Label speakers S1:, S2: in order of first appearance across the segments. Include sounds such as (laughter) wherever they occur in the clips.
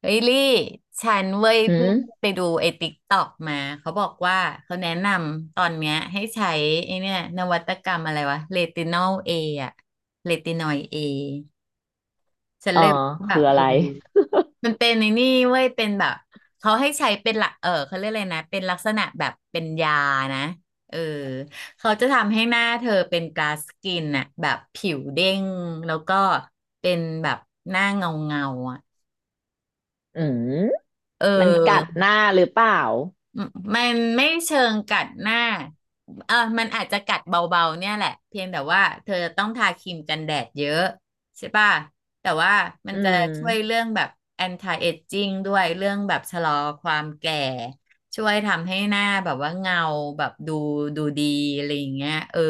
S1: เฮ้ยลี่ฉันเว้ย
S2: อื
S1: เพิ่ง
S2: ม
S1: ไปดูไอ้ติ๊กตอกมาเขาบอกว่าเขาแนะนำตอนเนี้ยให้ใช้ไอ้เนี่ยนวัตกรรมอะไรวะเรตินอละเรตินอยเอฉัน
S2: อ๋อ
S1: เลยแบ
S2: คื
S1: บ
S2: ออะไร
S1: มันเป็นในนี่เว้ยเป็นแบบเขาให้ใช้เป็นหลักเขาเรียกอะไรนะเป็นลักษณะแบบเป็นยานะเออเขาจะทำให้หน้าเธอเป็นกลาสกินอะแบบผิวเด้งแล้วก็เป็นแบบหน้าเงาเงาอะ
S2: อืม
S1: เอ
S2: มันกัดห
S1: อ
S2: น้าหรือเปล่า
S1: อืมมันไม่เชิงกัดหน้าเออมันอาจจะกัดเบาๆ เนี่ยแหละเพียงแต่ว่าเธอต้องทาครีมกันแดดเยอะใช่ป่ะแต่ว่ามัน
S2: อื
S1: จะช่วย
S2: ม
S1: เรื่องแบบ anti aging ด้วยเรื่องแบบชะลอความแก่ช่วยทำให้หน้าแบบว่าเงาแบบดูดีอะไรอย่างเงี้ยเออ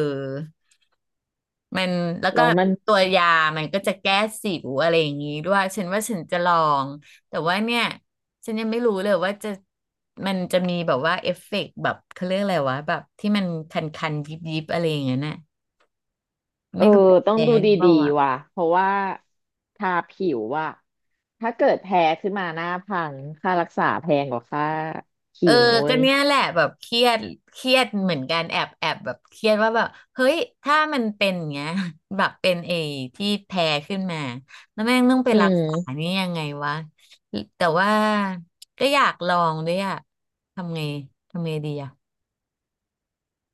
S1: มันแล้ว
S2: แล้
S1: ก็
S2: วมัน
S1: ตัวยามันก็จะแก้สิวอะไรอย่างนี้ด้วยฉันว่าฉันจะลองแต่ว่าเนี่ยฉันยังไม่รู้เลยว่าจะมันจะมีแบบว่าเอฟเฟกต์แบบเขาเรียกอะไรวะแบบที่มันคันๆยิบๆอะไรอย่างเงี้ยน่ะ
S2: เอ
S1: ไม่
S2: อ
S1: รู้
S2: ต้อง
S1: แพ้
S2: ดู
S1: ห
S2: ด
S1: รือเป
S2: ี
S1: ล่าวะ
S2: ๆว่ะเพราะว่าทาผิวว่ะถ้าเกิดแพ้ขึ้นมาหน้าพังค่ารักษาแพงกว่าค่าครี
S1: เออ
S2: มนะเว้
S1: ก็
S2: ย
S1: เนี้ยแหละแบบเครียดเครียดเหมือนกันแอบแบบเครียดว่าแบบเฮ้ยถ้ามันเป็นอย่างเงี้ย (laughs) แบบเป็นเอที่แพ้ขึ้นมาแล้วแม่งต้องไป
S2: อื
S1: รัก
S2: ม
S1: ษานี่ยังไงวะแต่ว่าก็อยากลองด้วยอะทำไงทำไงดีอะ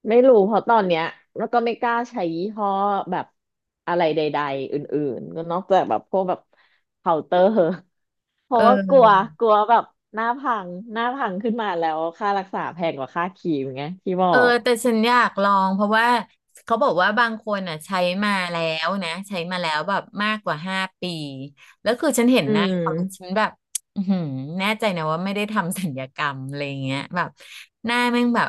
S2: ไม่รู้เพราะตอนเนี้ยแล้วก็ไม่กล้าใช้ยี่ห้อแบบอะไรใดๆอื่นๆก็นอกจากแบบพวกแบบเคาน์เตอร์ เพ
S1: เ
S2: ราะว่ากลัว
S1: ออ
S2: กลัวแบบหน้าพังขึ้นมาแล้วค่ารักษาแพงกว่าค่าครีมไงที่บอ
S1: เออ
S2: ก
S1: แต่ฉันอยากลองเพราะว่าเขาบอกว่าบางคนอ่ะใช้มาแล้วนะใช้มาแล้วแบบมากกว่า5 ปีแล้วคือฉันเห็น
S2: อื
S1: หน้าเขาแล้วฉัน
S2: ม
S1: แบบอือหือแน่ใจนะว่าไม่ได้ทำศัลยกรรมอะไรเงี้ยแบบหน้าแม่งแบบ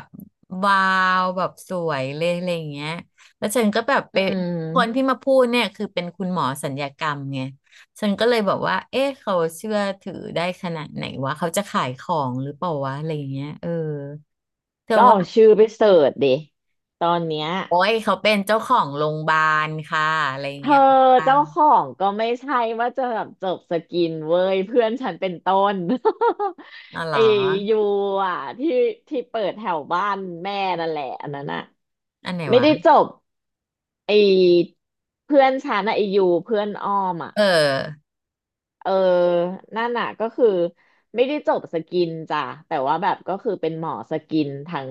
S1: วาวแบบสวยเลยอะไรเงี้ยแล้วฉันก็แบบไป
S2: อื
S1: คนที่
S2: ม
S1: มาพูดเนี่ยคือเป็นคุณหมอศัลยกรรมไงฉันก็เลยบอกว่าเอ๊ะเขาเชื่อถือได้ขนาดไหนวะเขาจะขายของหรือเปล่าวะอะไรเงี้ยเออเธอ
S2: ก็
S1: ว่า
S2: เอาชื่อไปเสิร์ชดิตอนเนี้ย
S1: โอ้ยเขาเป็นเจ้าของโรงพยาบาลค่ะอะไรอย่า
S2: เธ
S1: ง
S2: อ
S1: เงี้ยอ่ะ
S2: เจ้าของก็ไม่ใช่ว่าจะแบบจบสกินเว้ยเพื่อนฉันเป็นต้น
S1: อ๋อ
S2: (laughs)
S1: เหร
S2: ไอ้
S1: อ
S2: ยูอ่ะที่เปิดแถวบ้านแม่นั่นแหละอันนั้นอ่ะ
S1: อันไหน
S2: ไม่
S1: วะ
S2: ได้จบไอ้เพื่อนฉันอ่ะไอ้ยูเพื่อนอ้อมอ่ะ
S1: เออ
S2: เออ นั่นน่ะก็คือไม่ได้จบสกินจ้ะแต่ว่าแบบก็คือเป็นหมอสกินทั้ง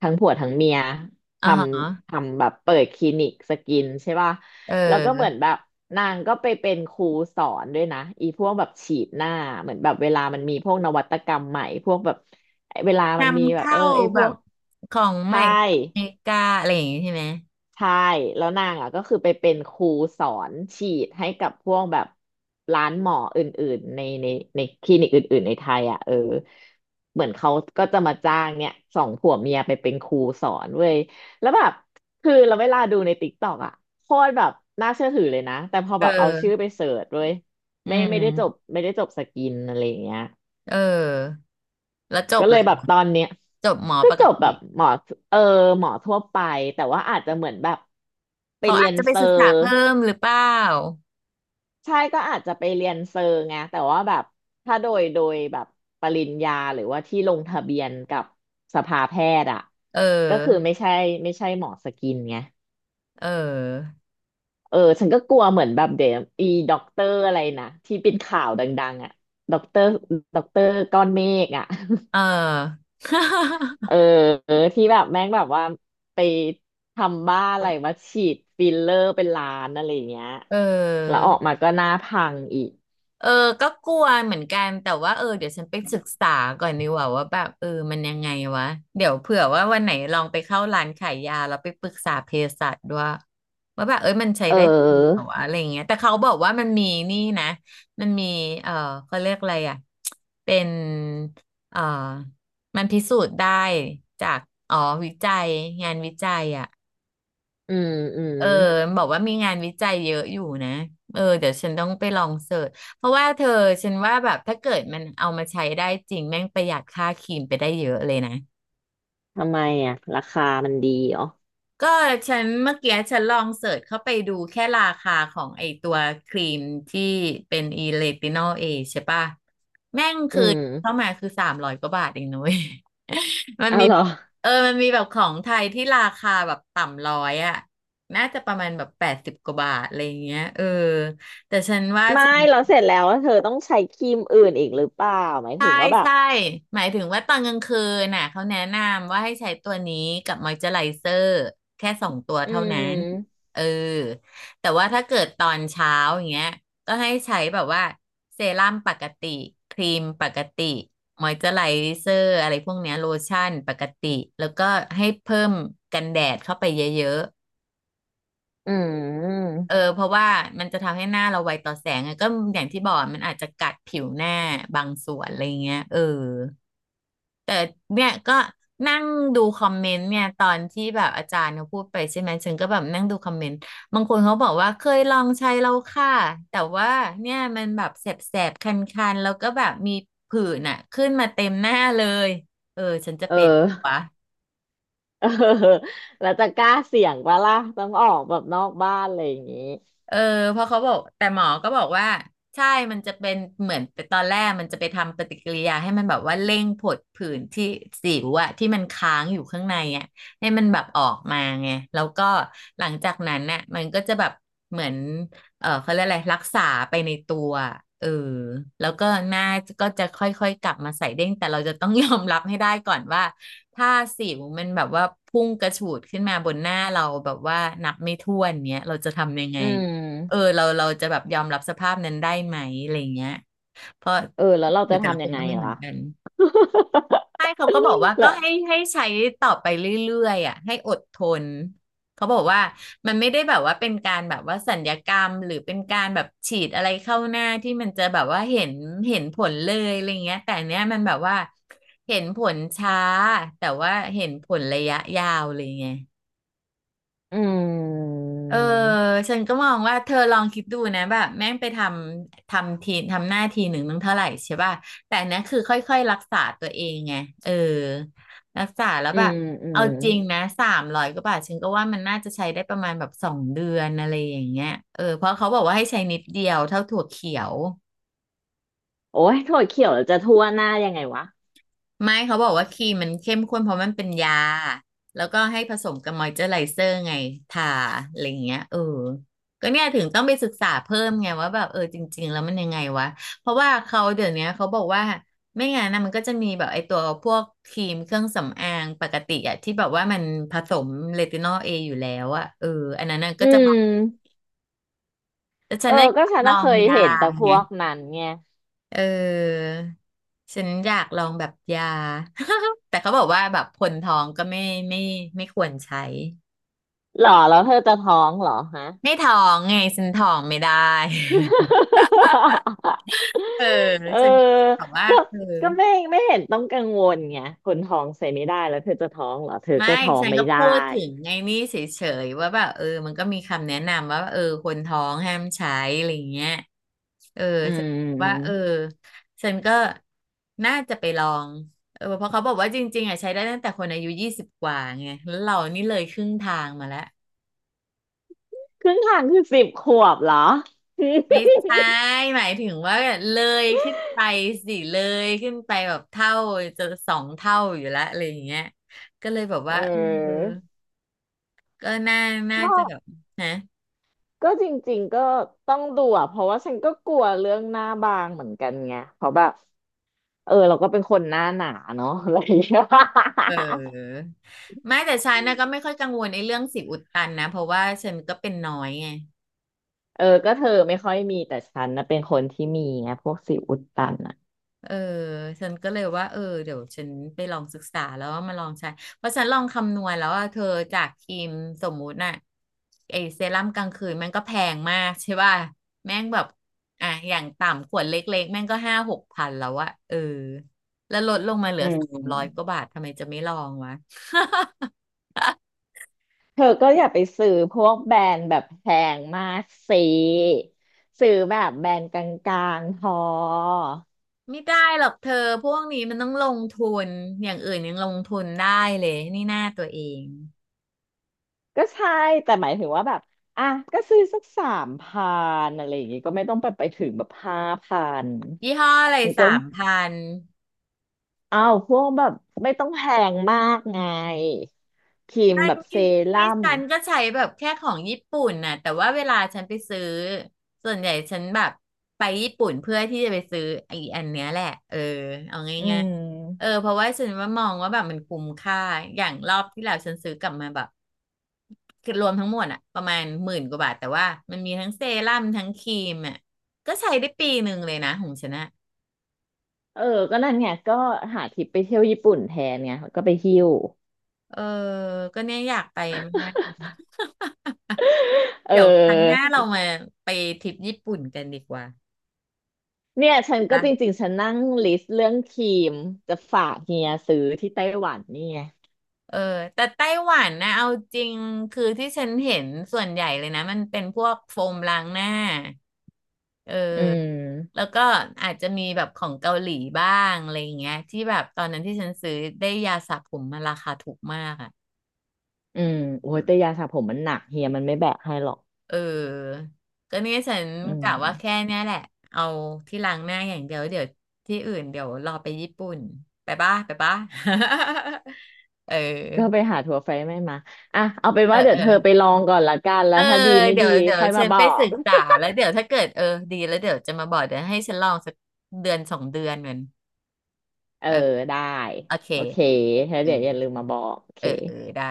S2: ทั้งผัวทั้งเมียท
S1: อ๋อฮะ
S2: ทำแบบเปิดคลินิกสกินใช่ป่ะ
S1: เ
S2: แล้วก็เหมือน
S1: ออ
S2: แบบนางก็ไปเป็นครูสอนด้วยนะอีพวกแบบฉีดหน้าเหมือนแบบเวลามันมีพวกนวัตกรรมใหม่พวกแบบเวลามันมี
S1: นำ
S2: แบบ
S1: เข้า
S2: ไอพ
S1: แบ
S2: ว
S1: บ
S2: ก
S1: ของใหม่
S2: ใช่
S1: จากอเมริกาอะไรอย่างงี้ใช่ไหม
S2: ใช่แล้วนางอ่ะก็คือไปเป็นครูสอนฉีดให้กับพวกแบบร้านหมออื่นๆในในคลินิกอื่นๆในไทยอ่ะเออเหมือนเขาก็จะมาจ้างเนี่ยสองผัวเมียไปเป็นครูสอนเว้ยแล้วแบบคือเราเวลาดูในติ๊กต็อกอ่ะโคตรแบบน่าเชื่อถือเลยนะแต่พอ
S1: เ
S2: แบบเอาชื่อ
S1: ออ
S2: ไปเสิร์ชเว้ย
S1: อื
S2: ไม่
S1: ม
S2: ไม่ได้จบไม่ได้จบสกินอะไรอย่างเงี้ย
S1: เออแล้วจบ
S2: ก็
S1: เล
S2: เลย
S1: ย
S2: แบบตอนเนี้ย
S1: จบหมอ
S2: ก็
S1: ปก
S2: จบแบ
S1: ติ
S2: บหมอเออหมอทั่วไปแต่ว่าอาจจะเหมือนแบบไป
S1: เขา
S2: เรี
S1: อา
S2: ย
S1: จ
S2: น
S1: จะไป
S2: เซอ
S1: ศึกษา
S2: ร์
S1: เพิ่มหรือเปล่า
S2: ใช่ก็อาจจะไปเรียนเซอร์ไงแต่ว่าแบบถ้าโดยแบบปริญญาหรือว่าที่ลงทะเบียนกับสภาแพทย์อ่ะ
S1: เ
S2: ก็คือ
S1: ออ
S2: ไม่ใช่หมอสกินไง
S1: เออ
S2: เออฉันก็กลัวเหมือนแบบเดี๋ยวอีด็อกเตอร์อะไรนะที่เป็นข่าวดังๆอ่ะด็อกเตอร์ด็อกเตอร์ก้อนเมฆอ่ะ
S1: เออ (laughs)
S2: เออที่แบบแม่งแบบว่าไปทำบ้าอะไรมาฉีดฟิลเลอร์เป็นล้านอะไรอย่างเงี้ย
S1: เอ
S2: แล้ว
S1: อ
S2: ออกมาก็หน้าพังอีก
S1: เออก็กลัวเหมือนกันแต่ว่าเออเดี๋ยวฉันไปศึกษาก่อนดีกว่าว่าแบบเออมันยังไงวะเดี๋ยวเผื่อว่าวันไหนลองไปเข้าร้านขายยาแล้วไปปรึกษาเภสัชด้วยว่าแบบเอ้ยมันใช้
S2: เ
S1: ได้จริงเหรอ
S2: ออ
S1: วะอะไรอย่างเงี้ยแต่เขาบอกว่ามันมีนี่นะมันมีเออเขาเรียกอะไรอ่ะเป็นเออมันพิสูจน์ได้จากอ๋อวิจัยงานวิจัยอ่ะ
S2: อืมอืม
S1: เออบอกว่ามีงานวิจัยเยอะอยู่นะเออเดี๋ยวฉันต้องไปลองเสิร์ชเพราะว่าเธอฉันว่าแบบถ้าเกิดมันเอามาใช้ได้จริงแม่งประหยัดค่าครีมไปได้เยอะเลยนะ
S2: ทำไมอ่ะราคามันดีเหรอ
S1: ก็ฉันเมื่อกี้ฉันลองเสิร์ชเข้าไปดูแค่ราคาของไอตัวครีมที่เป็นอีเลตินอลเอใช่ป่ะแม่ง
S2: อื
S1: คือ
S2: ม
S1: เข้ามาคือ300 กว่าบาทเองนุ้ย (laughs) มัน
S2: เอา
S1: มี
S2: เหรอ
S1: เออมันมีแบบของไทยที่ราคาแบบต่ำร้อยอ่ะน่าจะประมาณแบบ80 กว่าบาทอะไรอย่างเงี้ยเออแต่ฉันว่า
S2: ไม่เราเสร็จแล้วเธอต้องใช้ครีมอื่นอีกหรือเปล่าหมาย
S1: ใช่
S2: ถึงว่าแบบ
S1: ใช่หมายถึงว่าตอนกลางคืนน่ะเขาแนะนำว่าให้ใช้ตัวนี้กับมอยเจอไรเซอร์แค่2 ตัว
S2: อื
S1: เท่านั้น
S2: ม
S1: เออแต่ว่าถ้าเกิดตอนเช้าอย่างเงี้ยก็ให้ใช้แบบว่าเซรั่มปกติครีมปกติมอยเจอไรเซอร์อะไรพวกเนี้ยโลชั่นปกติแล้วก็ให้เพิ่มกันแดดเข้าไปเยอะ
S2: อืม
S1: ๆเออเพราะว่ามันจะทำให้หน้าเราไวต่อแสงอะก็อย่างที่บอกมันอาจจะกัดผิวหน้าบางส่วนอะไรเงี้ยเออ แต่เนี่ยก็นั่งดูคอมเมนต์เนี่ยตอนที่แบบอาจารย์เขาพูดไปใช่ไหมฉันก็แบบนั่งดูคอมเมนต์บางคนเขาบอกว่าเคยลองใช้แล้วค่ะแต่ว่าเนี่ยมันแบบแสบแสบคันๆแล้วก็แบบมีผื่นอ่ะขึ้นมาเต็มหน้าเลยเออฉันจะ
S2: เอ
S1: เป็นวะ
S2: อ (laughs) เออแล้วจะกล้าเสี่ยงปะล่ะต้องออกแบบนอกบ้านอะไรอย่างงี้
S1: เออเพราะเขาบอกแต่หมอก็บอกว่าใช่มันจะเป็นเหมือนตอนแรกมันจะไปทำปฏิกิริยาให้มันแบบว่าเร่งผดผื่นที่สิวอะที่มันค้างอยู่ข้างในอะให้มันแบบออกมาไงแล้วก็หลังจากนั้นน่ะมันก็จะแบบเหมือนเออเขาเรียกอะไรรักษาไปในตัวเออแล้วก็หน้าก็จะค่อยๆกลับมาใสเด้งแต่เราจะต้องยอมรับให้ได้ก่อนว่าถ้าสิวมันแบบว่าพุ่งกระฉูดขึ้นมาบนหน้าเราแบบว่านับไม่ถ้วนเนี้ยเราจะทำยังไง
S2: อื
S1: เออ
S2: ม
S1: เราจะแบบยอมรับสภาพนั้นได้ไหมอะไรเงี้ยเพราะ
S2: เออแล้วเรา
S1: หรื
S2: จะ
S1: อแต่ละ
S2: ทำ
S1: ค
S2: ยั
S1: น
S2: งไง
S1: ก็ไม่เหมื
S2: ล่ะ
S1: อนกันใช่เขาก็บอกว่า
S2: (laughs) และ
S1: ก็ให้ใช้ต่อไปเรื่อยๆอ่ะให้อดทนเขาบอกว่ามันไม่ได้แบบว่าเป็นการแบบว่าสัญญกรรมหรือเป็นการแบบฉีดอะไรเข้าหน้าที่มันจะแบบว่าเห็นผลเลยอะไรเงี้ยแต่อันเนี้ยมันแบบว่าเห็นผลช้าแต่ว่าเห็นผลระยะยาวเลยไง
S2: อืม
S1: เออฉันก็มองว่าเธอลองคิดดูนะแบบแม่งไปทำทีทำหน้าทีหนึ่งนึงเท่าไหร่ใช่ป่ะแต่อันเนี้ยคือค่อยๆรักษาตัวเองไงเออรักษาแล้ว
S2: อื
S1: แบบ
S2: มอื
S1: เอา
S2: ม
S1: จริงนะสามร้อยกว่าบาทฉันก็ว่ามันน่าจะใช้ได้ประมาณแบบสองเดือนอะไรอย่างเงี้ยเออเพราะเขาบอกว่าให้ใช้นิดเดียวเท่าถั่วเขียว
S2: โอ้ยถั่วเขียวจะทั่วหน้ายังไงวะ
S1: ไม่เขาบอกว่าครีมมันเข้มข้นเพราะมันเป็นยาแล้วก็ให้ผสมกับมอยเจอร์ไรเซอร์ไงทาอะไรอย่างเงี้ยเออก็เนี่ยถึงต้องไปศึกษาเพิ่มไงว่าแบบเออจริงๆแล้วมันยังไงวะเพราะว่าเขาเดี๋ยวเนี้ยเขาบอกว่าไม่งั้นนะมันก็จะมีแบบไอ้ตัวพวกครีมเครื่องสำอางปกติอะที่แบบว่ามันผสมเรตินอลเออยู่แล้วอะเอออันนั้นน่ะก็
S2: อื
S1: จะแบ
S2: ม
S1: บแต่ฉั
S2: เอ
S1: น
S2: อ
S1: น่ะอ
S2: ก็
S1: ยาก
S2: ฉัน
S1: ลอ
S2: น่ะเค
S1: ง
S2: ย
S1: ยา
S2: เห็นแต่พ
S1: ไง
S2: วกนั้นไง
S1: เออฉันอยากลองแบบยา (laughs) แต่เขาบอกว่าแบบคนท้องก็ไม่ไม่ไม่ควรใช้
S2: หรอแล้วเธอจะท้องเหรอฮะ
S1: ไม่ท้องไงฉันท้องไม่ได้
S2: (laughs)
S1: (laughs) เออ
S2: เออ
S1: ฉันก็เลยบอกว่า
S2: ก็
S1: เออ
S2: ก็ไม่เห็นต้องกังวลไงคนท้องใส่ไม่ได้แล้วเธอจะท้องเหรอเธอ
S1: ไม่
S2: ก็ท้อง
S1: ฉัน
S2: ไม่
S1: ก็
S2: ได้
S1: พูดถึงไงนี่เฉยๆว่าแบบเออมันก็มีคำแนะนำว่าเออคนท้องห้ามใช้อะไรเงี้ยเออ
S2: อื
S1: ฉันว่าเออ
S2: ม
S1: ฉันก็น่าจะไปลองเออเพราะเขาบอกว่าจริงๆอ่ะใช้ได้ตั้งแต่คนอายุ20 กว่าไงแล้วเรานี่เลยครึ่งทางมาแล้ว
S2: ครึ่งทางคือสิบขวบเหรอ
S1: ไม่ใช่หมายถึงว่าเลยขึ้นไปสิเลยขึ้นไปแบบเท่าจะ2 เท่าอยู่แล้วอะไรอย่างเงี้ยก็เลยแบบ
S2: (laughs)
S1: ว่าเออ
S2: เ
S1: ก็น่าจะแบบ
S2: ออ
S1: นะ
S2: ก็จริงๆก็ต้องดูอ่ะเพราะว่าฉันก็กลัวเรื่องหน้าบางเหมือนกันไงเพราะแบบเออเราก็เป็นคนหน้าหนาเนาะ (laughs) อะไรอย่างเงี้ย
S1: เออไม่แต่ฉันนะก็ไม่ค่อยกังวลไอ้เรื่องสิวอุดตันนะเพราะว่าฉันก็เป็นน้อยไง
S2: (laughs) เออก็เธอไม่ค่อยมีแต่ฉันนะเป็นคนที่มีไงพวกสิวอุดตันอ่ะ
S1: เออฉันก็เลยว่าเออเดี๋ยวฉันไปลองศึกษาแล้วว่ามาลองใช้เพราะฉันลองคำนวณแล้วว่าเธอจากครีมสมมุติน่ะไอเซรั่มกลางคืนแม่งก็แพงมากใช่ป่ะแม่งแบบอ่ะอย่างต่ำขวดเล็กๆแม่งก็5-6 พันแล้วอะเออแล้วลดลงมาเหลื
S2: อื
S1: อสามร้อยก
S2: ม
S1: ว่าบาททำไมจะไม่ลองวะ (laughs)
S2: เธอก็อย่าไปซื้อพวกแบรนด์แบบแพงมากสิซื้อแบบแบรนด์กลางๆพอ
S1: ไม่ได้หรอกเธอพวกนี้มันต้องลงทุนอย่างอื่นยังลงทุนได้เลยนี่หน้าตัวเอง
S2: ก็ใช่แต่หมายถึงว่าแบบอ่ะก็ซื้อสักสามพันอะไรอย่างงี้ก็ไม่ต้องไปถึงแบบห้าพัน
S1: ยี่ห้ออะไร
S2: มันก็
S1: 3 พัน
S2: อ้าวพวกแบบไม่ต้องแพงมากไงครีม
S1: ใช่
S2: แบบเซ
S1: ที่ที่
S2: รั่ม
S1: ฉันก็ใช้แบบแค่ของญี่ปุ่นน่ะแต่ว่าเวลาฉันไปซื้อส่วนใหญ่ฉันแบบไปญี่ปุ่นเพื่อที่จะไปซื้อไอ้อันเนี้ยแหละเออเอา
S2: อื
S1: ง่ายๆเออ
S2: ม
S1: เพราะว่าฉันว่ามองว่าแบบมันคุ้มค่าอย่างรอบที่แล้วฉันซื้อกลับมาแบบคือรวมทั้งหมดอะประมาณ10,000 กว่าบาทแต่ว่ามันมีทั้งเซรั่มทั้งครีมอะก็ใช้ได้ปีหนึ่งเลยนะของฉันอะ
S2: เออก็นั่นไงก็หาทริปไปเที่ยวญี่ปุ่นแทนไงก็ไปหิ้ว
S1: เออก็เนี่ยอยากไปมาก
S2: เออ
S1: เดี๋ยวครั้งหน้าเรามาไปทริปญี่ปุ่นกันดีกว่า
S2: เนี่ยฉันก็จริงๆฉันนั่งลิสต์เรื่องครีมจะฝากเฮียซื้อที่ไต้หวันนี่ไง
S1: เออแต่ไต้หวันนะเอาจริงคือที่ฉันเห็นส่วนใหญ่เลยนะมันเป็นพวกโฟมล้างหน้าเออ
S2: อื
S1: แล้
S2: ม
S1: วก็อาจจะมีแบบของเกาหลีบ้างอะไรอย่างเงี้ยที่แบบตอนนั้นที่ฉันซื้อได้ยาสระผมมาราคาถูกมากอ่ะ
S2: อืมโอ้ยแต่ยาสระผมมันหนักเฮียมันไม่แบกให้หรอก
S1: เออ ก็เนี่ยฉัน
S2: อื
S1: กะ
S2: ม
S1: ว่าแค่เนี้ยแหละเอาที่ล้างหน้าอย่างเดียวเดี๋ยวที่อื่นเดี๋ยวรอไปญี่ปุ่นไปบ้าไปบ้า (laughs) เออ
S2: ก็ไปหาถั่วไฟไม่มาอ่ะเอาเป็น
S1: เออ
S2: ว่าเดี๋
S1: เอ
S2: ยว
S1: อ
S2: เธอไปลองก่อนละกันแล้
S1: เอ
S2: ว
S1: อ
S2: ถ้าดีไม่
S1: เดี๋ย
S2: ดี
S1: วเดี๋ยว
S2: ค่อยมา
S1: ฉัน
S2: บ
S1: ไป
S2: อ
S1: ศึ
S2: ก
S1: กษาแล้วเดี๋ยวถ้าเกิดเออดีแล้วเดี๋ยวจะมาบอกเดี๋ยวให้ฉันลองสักเดือนสองเดือนเหมือน
S2: เออ
S1: เออ
S2: ได้
S1: โอเค
S2: โอเคแล้ว
S1: เออ
S2: เดี๋ยวอย่าลืมมาบอกโอเค
S1: เออเออได้